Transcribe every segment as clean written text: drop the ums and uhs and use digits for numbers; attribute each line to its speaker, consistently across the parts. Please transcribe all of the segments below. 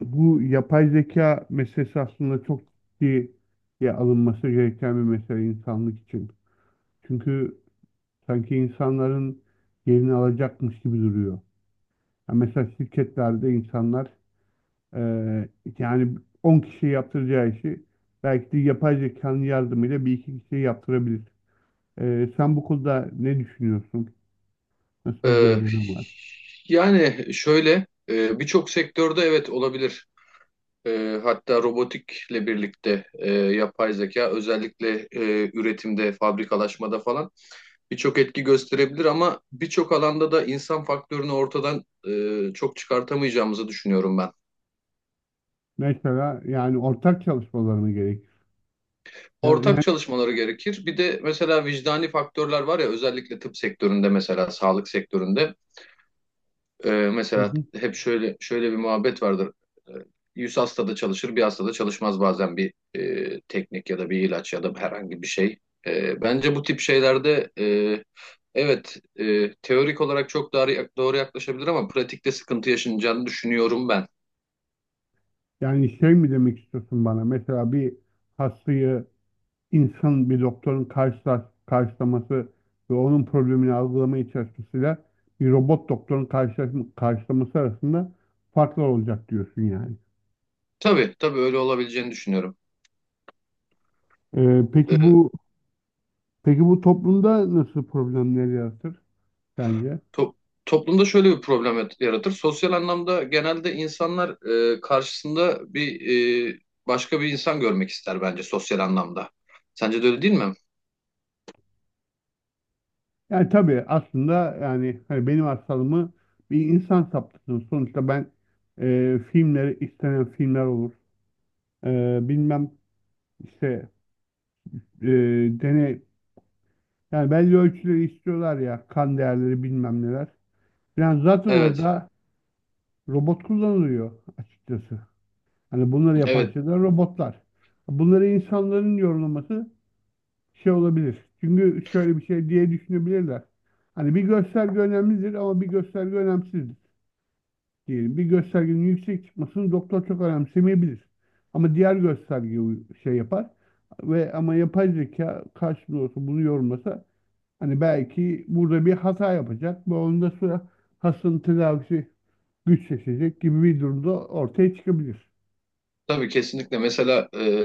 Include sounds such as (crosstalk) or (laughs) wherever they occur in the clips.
Speaker 1: Bu yapay zeka meselesi aslında çok ciddiye alınması gereken bir mesele insanlık için. Çünkü sanki insanların yerini alacakmış gibi duruyor. Ya mesela şirketlerde insanlar eee, yani 10 kişi yaptıracağı işi belki de yapay zekanın yardımıyla bir iki kişi yaptırabilir. Sen bu konuda ne düşünüyorsun? Nasıl bir
Speaker 2: Ee,
Speaker 1: gözlemin var?
Speaker 2: Yani şöyle birçok sektörde evet olabilir. Hatta robotikle birlikte yapay zeka özellikle üretimde, fabrikalaşmada falan birçok etki gösterebilir ama birçok alanda da insan faktörünü ortadan çok çıkartamayacağımızı düşünüyorum ben.
Speaker 1: Mesela yani ortak çalışmaları mı gerekir?
Speaker 2: Ortak
Speaker 1: Yani,
Speaker 2: çalışmaları gerekir. Bir de mesela vicdani faktörler var ya, özellikle tıp sektöründe, mesela sağlık sektöründe. Mesela
Speaker 1: yani-
Speaker 2: hep şöyle şöyle bir muhabbet vardır. Ee, 100 hastada çalışır, bir hastada çalışmaz bazen bir teknik ya da bir ilaç ya da herhangi bir şey. Bence bu tip şeylerde evet teorik olarak çok doğru yaklaşabilir ama pratikte sıkıntı yaşanacağını düşünüyorum ben.
Speaker 1: Yani şey mi demek istiyorsun bana? Mesela bir hastayı insan bir doktorun karşılaması ve onun problemini algılamaya çalışmasıyla bir robot doktorun karşılaması arasında farklar olacak diyorsun yani.
Speaker 2: Tabii tabii, öyle olabileceğini düşünüyorum. Ee,
Speaker 1: Peki bu peki bu toplumda nasıl problemler yaratır sence?
Speaker 2: To- Toplumda şöyle bir problem yaratır. Sosyal anlamda genelde insanlar karşısında bir başka bir insan görmek ister bence, sosyal anlamda. Sence de öyle değil mi?
Speaker 1: Yani tabii aslında yani hani benim hastalığımı bir insan saptasın. Sonuçta ben filmleri istenen filmler olur. Bilmem işte e, deney yani belli ölçüleri istiyorlar ya kan değerleri bilmem neler. Yani zaten
Speaker 2: Evet,
Speaker 1: orada robot kullanılıyor açıkçası. Hani bunları yapan
Speaker 2: evet.
Speaker 1: şeyler robotlar. Bunları insanların yorumlaması şey olabilir. Çünkü şöyle bir şey diye düşünebilirler. Hani bir gösterge önemlidir ama bir gösterge önemsizdir diyelim. Bir göstergenin yüksek çıkmasını doktor çok önemsemeyebilir. Ama diğer gösterge şey yapar ve ama yapay zeka karşılığında olsa bunu yorumlasa, hani belki burada bir hata yapacak ve onda sonra hastanın tedavisi güçleşecek gibi bir durumda ortaya çıkabilir.
Speaker 2: Tabii, kesinlikle. Mesela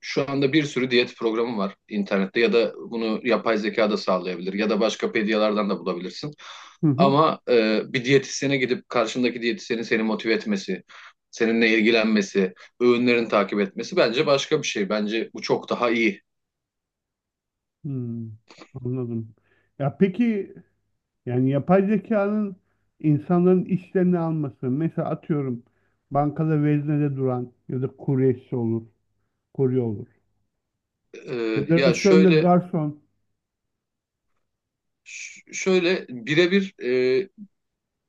Speaker 2: şu anda bir sürü diyet programı var internette ya da bunu yapay zeka da sağlayabilir ya da başka pediyalardan da bulabilirsin.
Speaker 1: Hı hı.
Speaker 2: Ama bir diyetisyene gidip karşındaki diyetisyenin seni motive etmesi, seninle ilgilenmesi, öğünlerini takip etmesi bence başka bir şey. Bence bu çok daha iyi.
Speaker 1: Hmm, anladım. Ya peki yani yapay zekanın insanların işlerini alması, mesela atıyorum bankada veznede duran ya da kuryesi olur, kurye olur ya da
Speaker 2: Ya
Speaker 1: restoranda
Speaker 2: şöyle,
Speaker 1: garson.
Speaker 2: şöyle birebir e,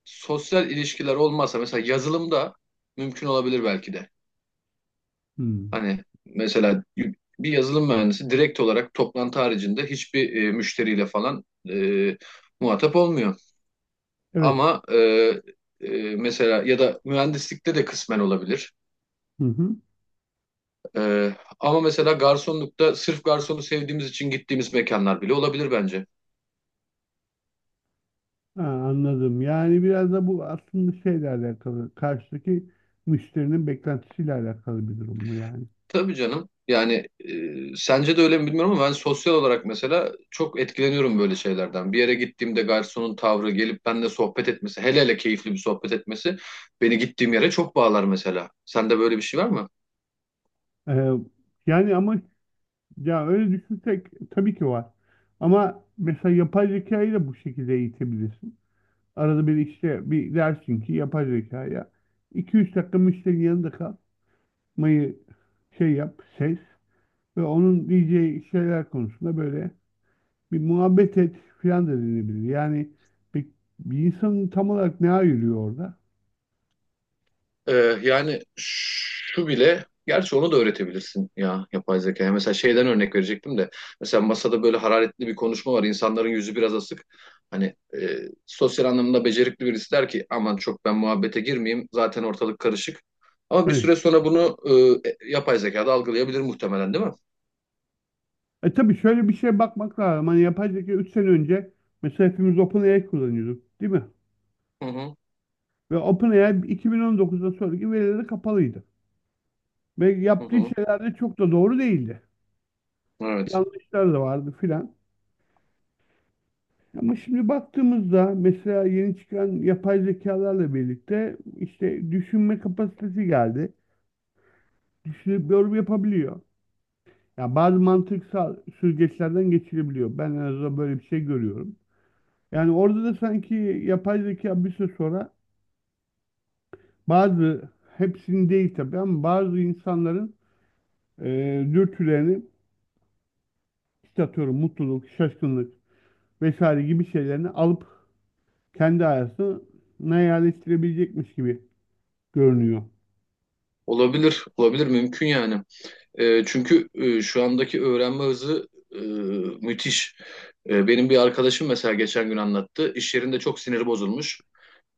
Speaker 2: sosyal ilişkiler olmazsa mesela yazılımda mümkün olabilir belki de.
Speaker 1: Hmm,
Speaker 2: Hani mesela bir yazılım mühendisi direkt olarak toplantı haricinde hiçbir müşteriyle falan e, muhatap olmuyor.
Speaker 1: evet.
Speaker 2: Ama e, mesela ya da mühendislikte de kısmen olabilir.
Speaker 1: Hı hı.
Speaker 2: E, Ama mesela garsonlukta sırf garsonu sevdiğimiz için gittiğimiz mekanlar bile olabilir bence.
Speaker 1: Ha, anladım. Yani biraz da bu aslında şeyle alakalı, karşıdaki müşterinin beklentisiyle alakalı bir durum mu yani?
Speaker 2: Tabii canım. Yani sence de öyle mi bilmiyorum ama ben sosyal olarak mesela çok etkileniyorum böyle şeylerden. Bir yere gittiğimde garsonun tavrı, gelip benimle sohbet etmesi, hele hele keyifli bir sohbet etmesi beni gittiğim yere çok bağlar mesela. Sende böyle bir şey var mı?
Speaker 1: Ee, Yani ama ya öyle düşünsek tabii ki var. Ama mesela yapay zekayı da bu şekilde eğitebilirsin. Arada bir işte bir dersin ki yapay zekaya 2-3 dakika müşterinin yanında kalmayı şey yap, ses ve onun diyeceği şeyler konusunda böyle bir muhabbet et filan da denebilir. Yani bir, bir insanın tam olarak ne ayırıyor orada?
Speaker 2: Ee, Yani şu bile, gerçi onu da öğretebilirsin ya yapay zekaya. Mesela şeyden örnek verecektim de, mesela masada böyle hararetli bir konuşma var, insanların yüzü biraz asık. Hani e, sosyal anlamda becerikli birisi der ki, aman çok ben muhabbete girmeyeyim, zaten ortalık karışık. Ama bir
Speaker 1: Evet.
Speaker 2: süre sonra bunu yapay zekada algılayabilir muhtemelen, değil mi?
Speaker 1: E tabii şöyle bir şeye bakmak lazım. Hani yapay zeka 3 sene önce mesela hepimiz OpenAI kullanıyorduk değil mi?
Speaker 2: Hı hı,
Speaker 1: Ve OpenAI 2019'dan sonraki verileri kapalıydı. Ve
Speaker 2: hı
Speaker 1: yaptığı
Speaker 2: hı.
Speaker 1: şeyler de çok da doğru değildi.
Speaker 2: Evet.
Speaker 1: Yanlışlar da vardı filan. Ama şimdi baktığımızda mesela yeni çıkan yapay zekalarla birlikte işte düşünme kapasitesi geldi. Düşünüp yorum yapabiliyor. Ya bazı mantıksal süzgeçlerden geçilebiliyor. Ben en azından böyle bir şey görüyorum. Yani orada da sanki yapay zeka bir süre sonra bazı, hepsini değil tabii ama bazı insanların e, dürtülerini işte atıyorum mutluluk, şaşkınlık vesaire gibi şeylerini alıp kendi hayatına yerleştirebilecekmiş gibi görünüyor.
Speaker 2: Olabilir, olabilir, mümkün yani. Çünkü şu andaki öğrenme hızı e, müthiş. Benim bir arkadaşım mesela geçen gün anlattı. İş yerinde çok siniri bozulmuş.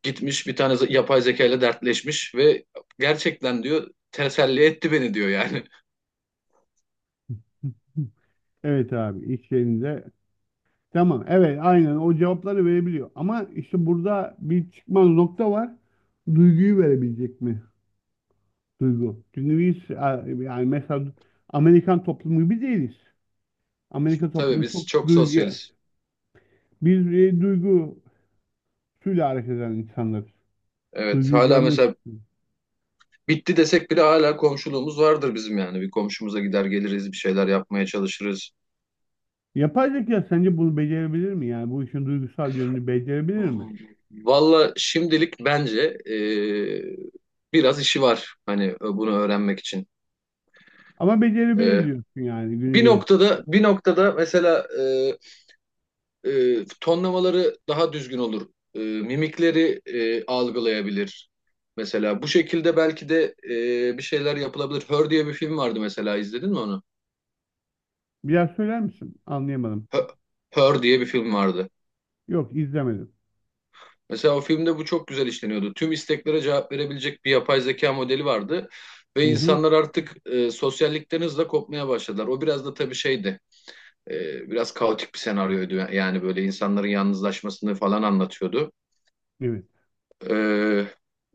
Speaker 2: Gitmiş bir tane yapay zeka ile dertleşmiş ve gerçekten diyor teselli etti beni, diyor yani.
Speaker 1: (laughs) Evet abi iş yerinde. Tamam, evet, aynen o cevapları verebiliyor. Ama işte burada bir çıkmaz nokta var. Duyguyu verebilecek mi? Duygu. Çünkü biz yani mesela Amerikan toplumu gibi değiliz. Amerika
Speaker 2: (laughs) Tabii,
Speaker 1: toplumu
Speaker 2: biz
Speaker 1: çok
Speaker 2: çok
Speaker 1: duygu.
Speaker 2: sosyaliz.
Speaker 1: Biz duygusuyla hareket eden insanlarız.
Speaker 2: Evet,
Speaker 1: Duyguyu
Speaker 2: hala
Speaker 1: görmek
Speaker 2: mesela
Speaker 1: istiyoruz.
Speaker 2: bitti desek bile hala komşuluğumuz vardır bizim yani. Bir komşumuza gider geliriz, bir şeyler yapmaya çalışırız.
Speaker 1: Yapay zeka sence bunu becerebilir mi? Yani bu işin duygusal yönünü becerebilir mi?
Speaker 2: Valla şimdilik bence e, biraz işi var hani bunu öğrenmek için.
Speaker 1: Ama becerebilir
Speaker 2: E,
Speaker 1: diyorsun yani günü
Speaker 2: Bir
Speaker 1: gelip.
Speaker 2: noktada, bir noktada mesela tonlamaları daha düzgün olur. Mimikleri algılayabilir. Mesela bu şekilde belki de bir şeyler yapılabilir. Her diye bir film vardı, mesela izledin mi onu?
Speaker 1: Biraz söyler misin? Anlayamadım.
Speaker 2: Her, Her diye bir film vardı.
Speaker 1: Yok, izlemedim.
Speaker 2: Mesela o filmde bu çok güzel işleniyordu. Tüm isteklere cevap verebilecek bir yapay zeka modeli vardı ve
Speaker 1: Hı hı.
Speaker 2: insanlar artık sosyallikten hızla kopmaya başladılar. O biraz da tabii şeydi, biraz kaotik bir senaryoydu. Yani böyle insanların yalnızlaşmasını falan anlatıyordu.
Speaker 1: Evet.
Speaker 2: Ee,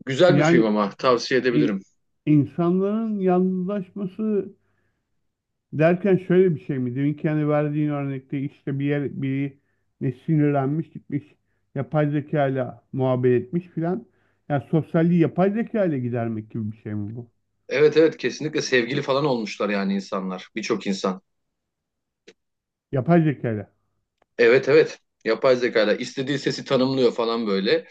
Speaker 2: Güzel bir
Speaker 1: Yani
Speaker 2: film, ama tavsiye
Speaker 1: i-
Speaker 2: edebilirim.
Speaker 1: insanların yalnızlaşması derken şöyle bir şey mi? Deminki hani verdiğin örnekte işte bir yer biri ne sinirlenmiş, gitmiş yapay zeka ile muhabbet etmiş filan. Yani sosyalliği yapay zeka ile gidermek gibi bir şey mi bu?
Speaker 2: Evet, evet, kesinlikle sevgili falan olmuşlar yani insanlar. Birçok insan.
Speaker 1: Yapay zeka ile.
Speaker 2: Evet, evet. Yapay zekayla istediği sesi tanımlıyor falan, böyle.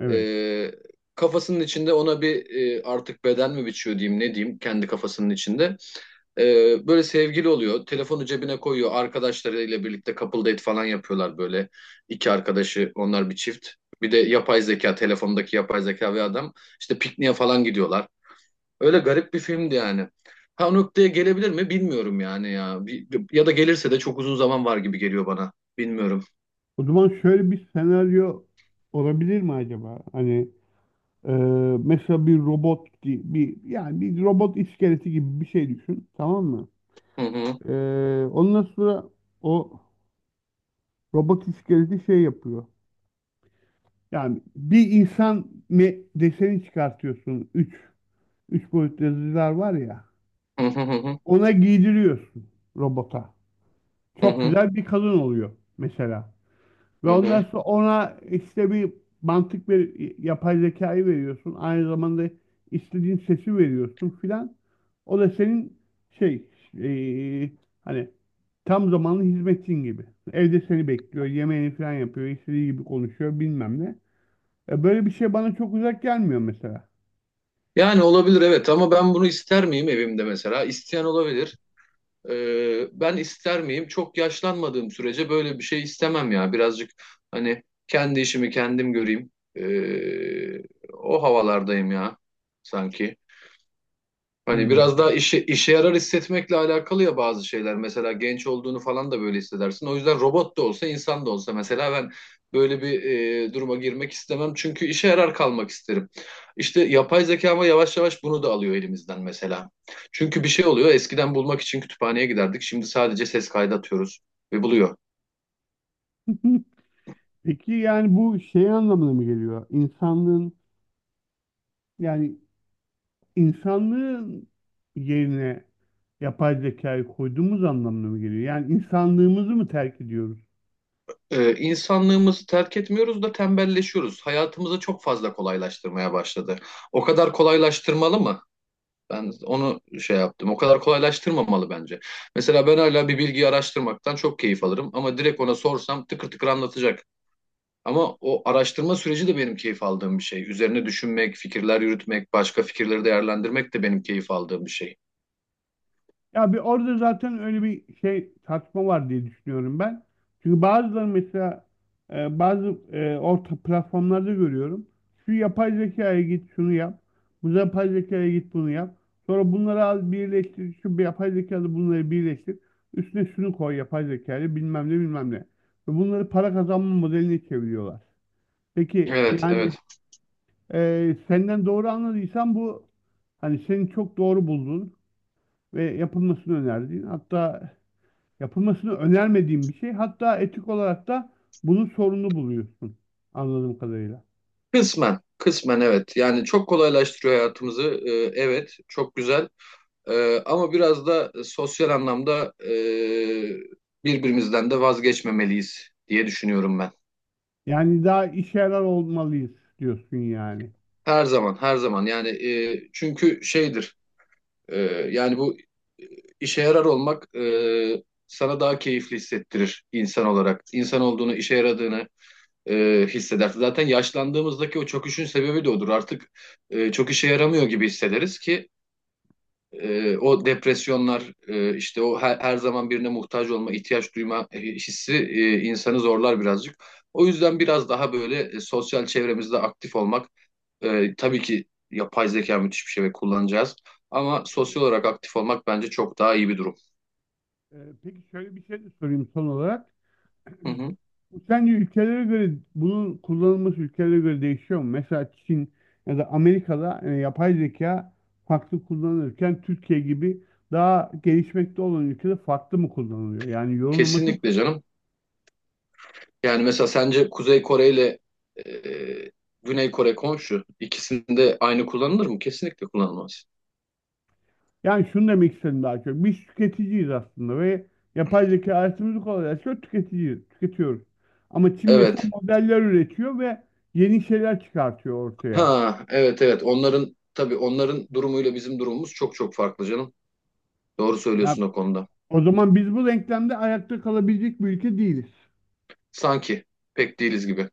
Speaker 1: Evet.
Speaker 2: Ee, Kafasının içinde ona bir artık beden mi biçiyor diyeyim, ne diyeyim, kendi kafasının içinde. Böyle sevgili oluyor. Telefonu cebine koyuyor. Arkadaşlarıyla birlikte couple date falan yapıyorlar böyle. İki arkadaşı onlar bir çift. Bir de yapay zeka, telefondaki yapay zeka ve adam işte pikniğe falan gidiyorlar. Öyle garip bir filmdi yani. Ha, o noktaya gelebilir mi bilmiyorum yani ya. Ya da gelirse de çok uzun zaman var gibi geliyor bana. Bilmiyorum.
Speaker 1: O zaman şöyle bir senaryo olabilir mi acaba? Hani e, mesela bir robot gibi bir yani bir robot iskeleti gibi bir şey düşün. Tamam mı?
Speaker 2: Hı hı.
Speaker 1: E, Ondan sonra o robot iskeleti şey yapıyor. Yani bir insan deseni çıkartıyorsun. Üç boyutlu yazıcılar var ya.
Speaker 2: Hı hı, hı hı.
Speaker 1: Ona giydiriyorsun robota.
Speaker 2: Hı
Speaker 1: Çok
Speaker 2: hı.
Speaker 1: güzel bir kadın oluyor mesela. Ve
Speaker 2: Hı
Speaker 1: ondan
Speaker 2: hı.
Speaker 1: sonra ona işte bir mantık ver, yapay zekayı veriyorsun. Aynı zamanda istediğin sesi veriyorsun filan. O da senin şey eee, hani tam zamanlı hizmetçin gibi. Evde seni bekliyor, yemeğini filan yapıyor, istediği gibi konuşuyor bilmem ne. Böyle bir şey bana çok uzak gelmiyor mesela.
Speaker 2: Yani olabilir, evet, ama ben bunu ister miyim evimde mesela? İsteyen olabilir. Ben ister miyim? Çok yaşlanmadığım sürece böyle bir şey istemem ya. Birazcık hani kendi işimi kendim göreyim. O havalardayım ya sanki. Hani biraz
Speaker 1: Hmm.
Speaker 2: daha işe yarar hissetmekle alakalı ya bazı şeyler. Mesela genç olduğunu falan da böyle hissedersin. O yüzden robot da olsa, insan da olsa mesela ben böyle bir duruma girmek istemem. Çünkü işe yarar kalmak isterim. İşte yapay zeka ama yavaş yavaş bunu da alıyor elimizden mesela. Çünkü bir şey oluyor. Eskiden bulmak için kütüphaneye giderdik. Şimdi sadece ses kaydı atıyoruz ve buluyor.
Speaker 1: (laughs) Peki yani bu şey anlamına mı geliyor? İnsanlığın yani insanlığın yerine yapay zekayı koyduğumuz anlamına mı geliyor? Yani insanlığımızı mı terk ediyoruz?
Speaker 2: İnsanlığımızı terk etmiyoruz da tembelleşiyoruz. Hayatımızı çok fazla kolaylaştırmaya başladı. O kadar kolaylaştırmalı mı? Ben onu şey yaptım. O kadar kolaylaştırmamalı bence. Mesela ben hala bir bilgiyi araştırmaktan çok keyif alırım, ama direkt ona sorsam tıkır tıkır anlatacak. Ama o araştırma süreci de benim keyif aldığım bir şey. Üzerine düşünmek, fikirler yürütmek, başka fikirleri değerlendirmek de benim keyif aldığım bir şey.
Speaker 1: Ya bir orada zaten öyle bir şey tartışma var diye düşünüyorum ben. Çünkü bazıları mesela bazı orta platformlarda görüyorum. Şu yapay zekaya git şunu yap. Bu yapay zekaya git bunu yap. Sonra bunları al birleştir. Şu bir yapay zekalı bunları birleştir. Üstüne şunu koy yapay zekayla bilmem ne bilmem ne. Ve bunları para kazanma modeline çeviriyorlar. Peki
Speaker 2: Evet,
Speaker 1: yani
Speaker 2: evet.
Speaker 1: senden doğru anladıysam bu hani senin çok doğru bulduğun ve yapılmasını önerdiğin, hatta yapılmasını önermediğim bir şey. Hatta etik olarak da bunun sorunu buluyorsun. Anladığım kadarıyla.
Speaker 2: Kısmen, kısmen, evet. Yani çok kolaylaştırıyor hayatımızı. Evet, çok güzel. Ama biraz da sosyal anlamda birbirimizden de vazgeçmemeliyiz diye düşünüyorum ben.
Speaker 1: Yani daha işe yarar olmalıyız diyorsun yani.
Speaker 2: Her zaman, her zaman. Yani çünkü şeydir. e, Yani bu e, işe yarar olmak sana daha keyifli hissettirir insan olarak. İnsan olduğunu, işe yaradığını hissedersin. Zaten yaşlandığımızdaki o çöküşün sebebi de odur. Artık çok işe yaramıyor gibi hissederiz ki o depresyonlar, işte o her zaman birine muhtaç olma, ihtiyaç duyma hissi insanı zorlar birazcık. O yüzden biraz daha böyle sosyal çevremizde aktif olmak tabii ki yapay zeka müthiş bir şey ve kullanacağız. Ama sosyal olarak aktif olmak bence çok daha iyi bir durum.
Speaker 1: Ee, peki şöyle bir şey de sorayım son olarak.
Speaker 2: Hı hı.
Speaker 1: Bu sence ülkelere göre bunun kullanılması ülkelere göre değişiyor mu? Mesela Çin ya da Amerika'da yapay zeka farklı kullanılırken Türkiye gibi daha gelişmekte olan ülkede farklı mı kullanılıyor? Yani yorumlaması.
Speaker 2: Kesinlikle canım. Yani mesela sence Kuzey Kore ile e, Güney Kore komşu, ikisinde aynı kullanılır mı? Kesinlikle kullanılmaz.
Speaker 1: Yani şunu demek istedim daha çok. Biz tüketiciyiz aslında ve yapay zeka hayatımızı kolaylaştırıyor, tüketiciyiz, tüketiyoruz. Ama Çin mesela
Speaker 2: Evet.
Speaker 1: modeller üretiyor ve yeni şeyler çıkartıyor ortaya.
Speaker 2: Ha, evet, evet. Onların, tabii, onların durumuyla bizim durumumuz çok çok farklı canım. Doğru söylüyorsun
Speaker 1: Ya
Speaker 2: o konuda.
Speaker 1: o zaman biz bu denklemde ayakta kalabilecek bir ülke değiliz.
Speaker 2: Sanki pek değiliz gibi.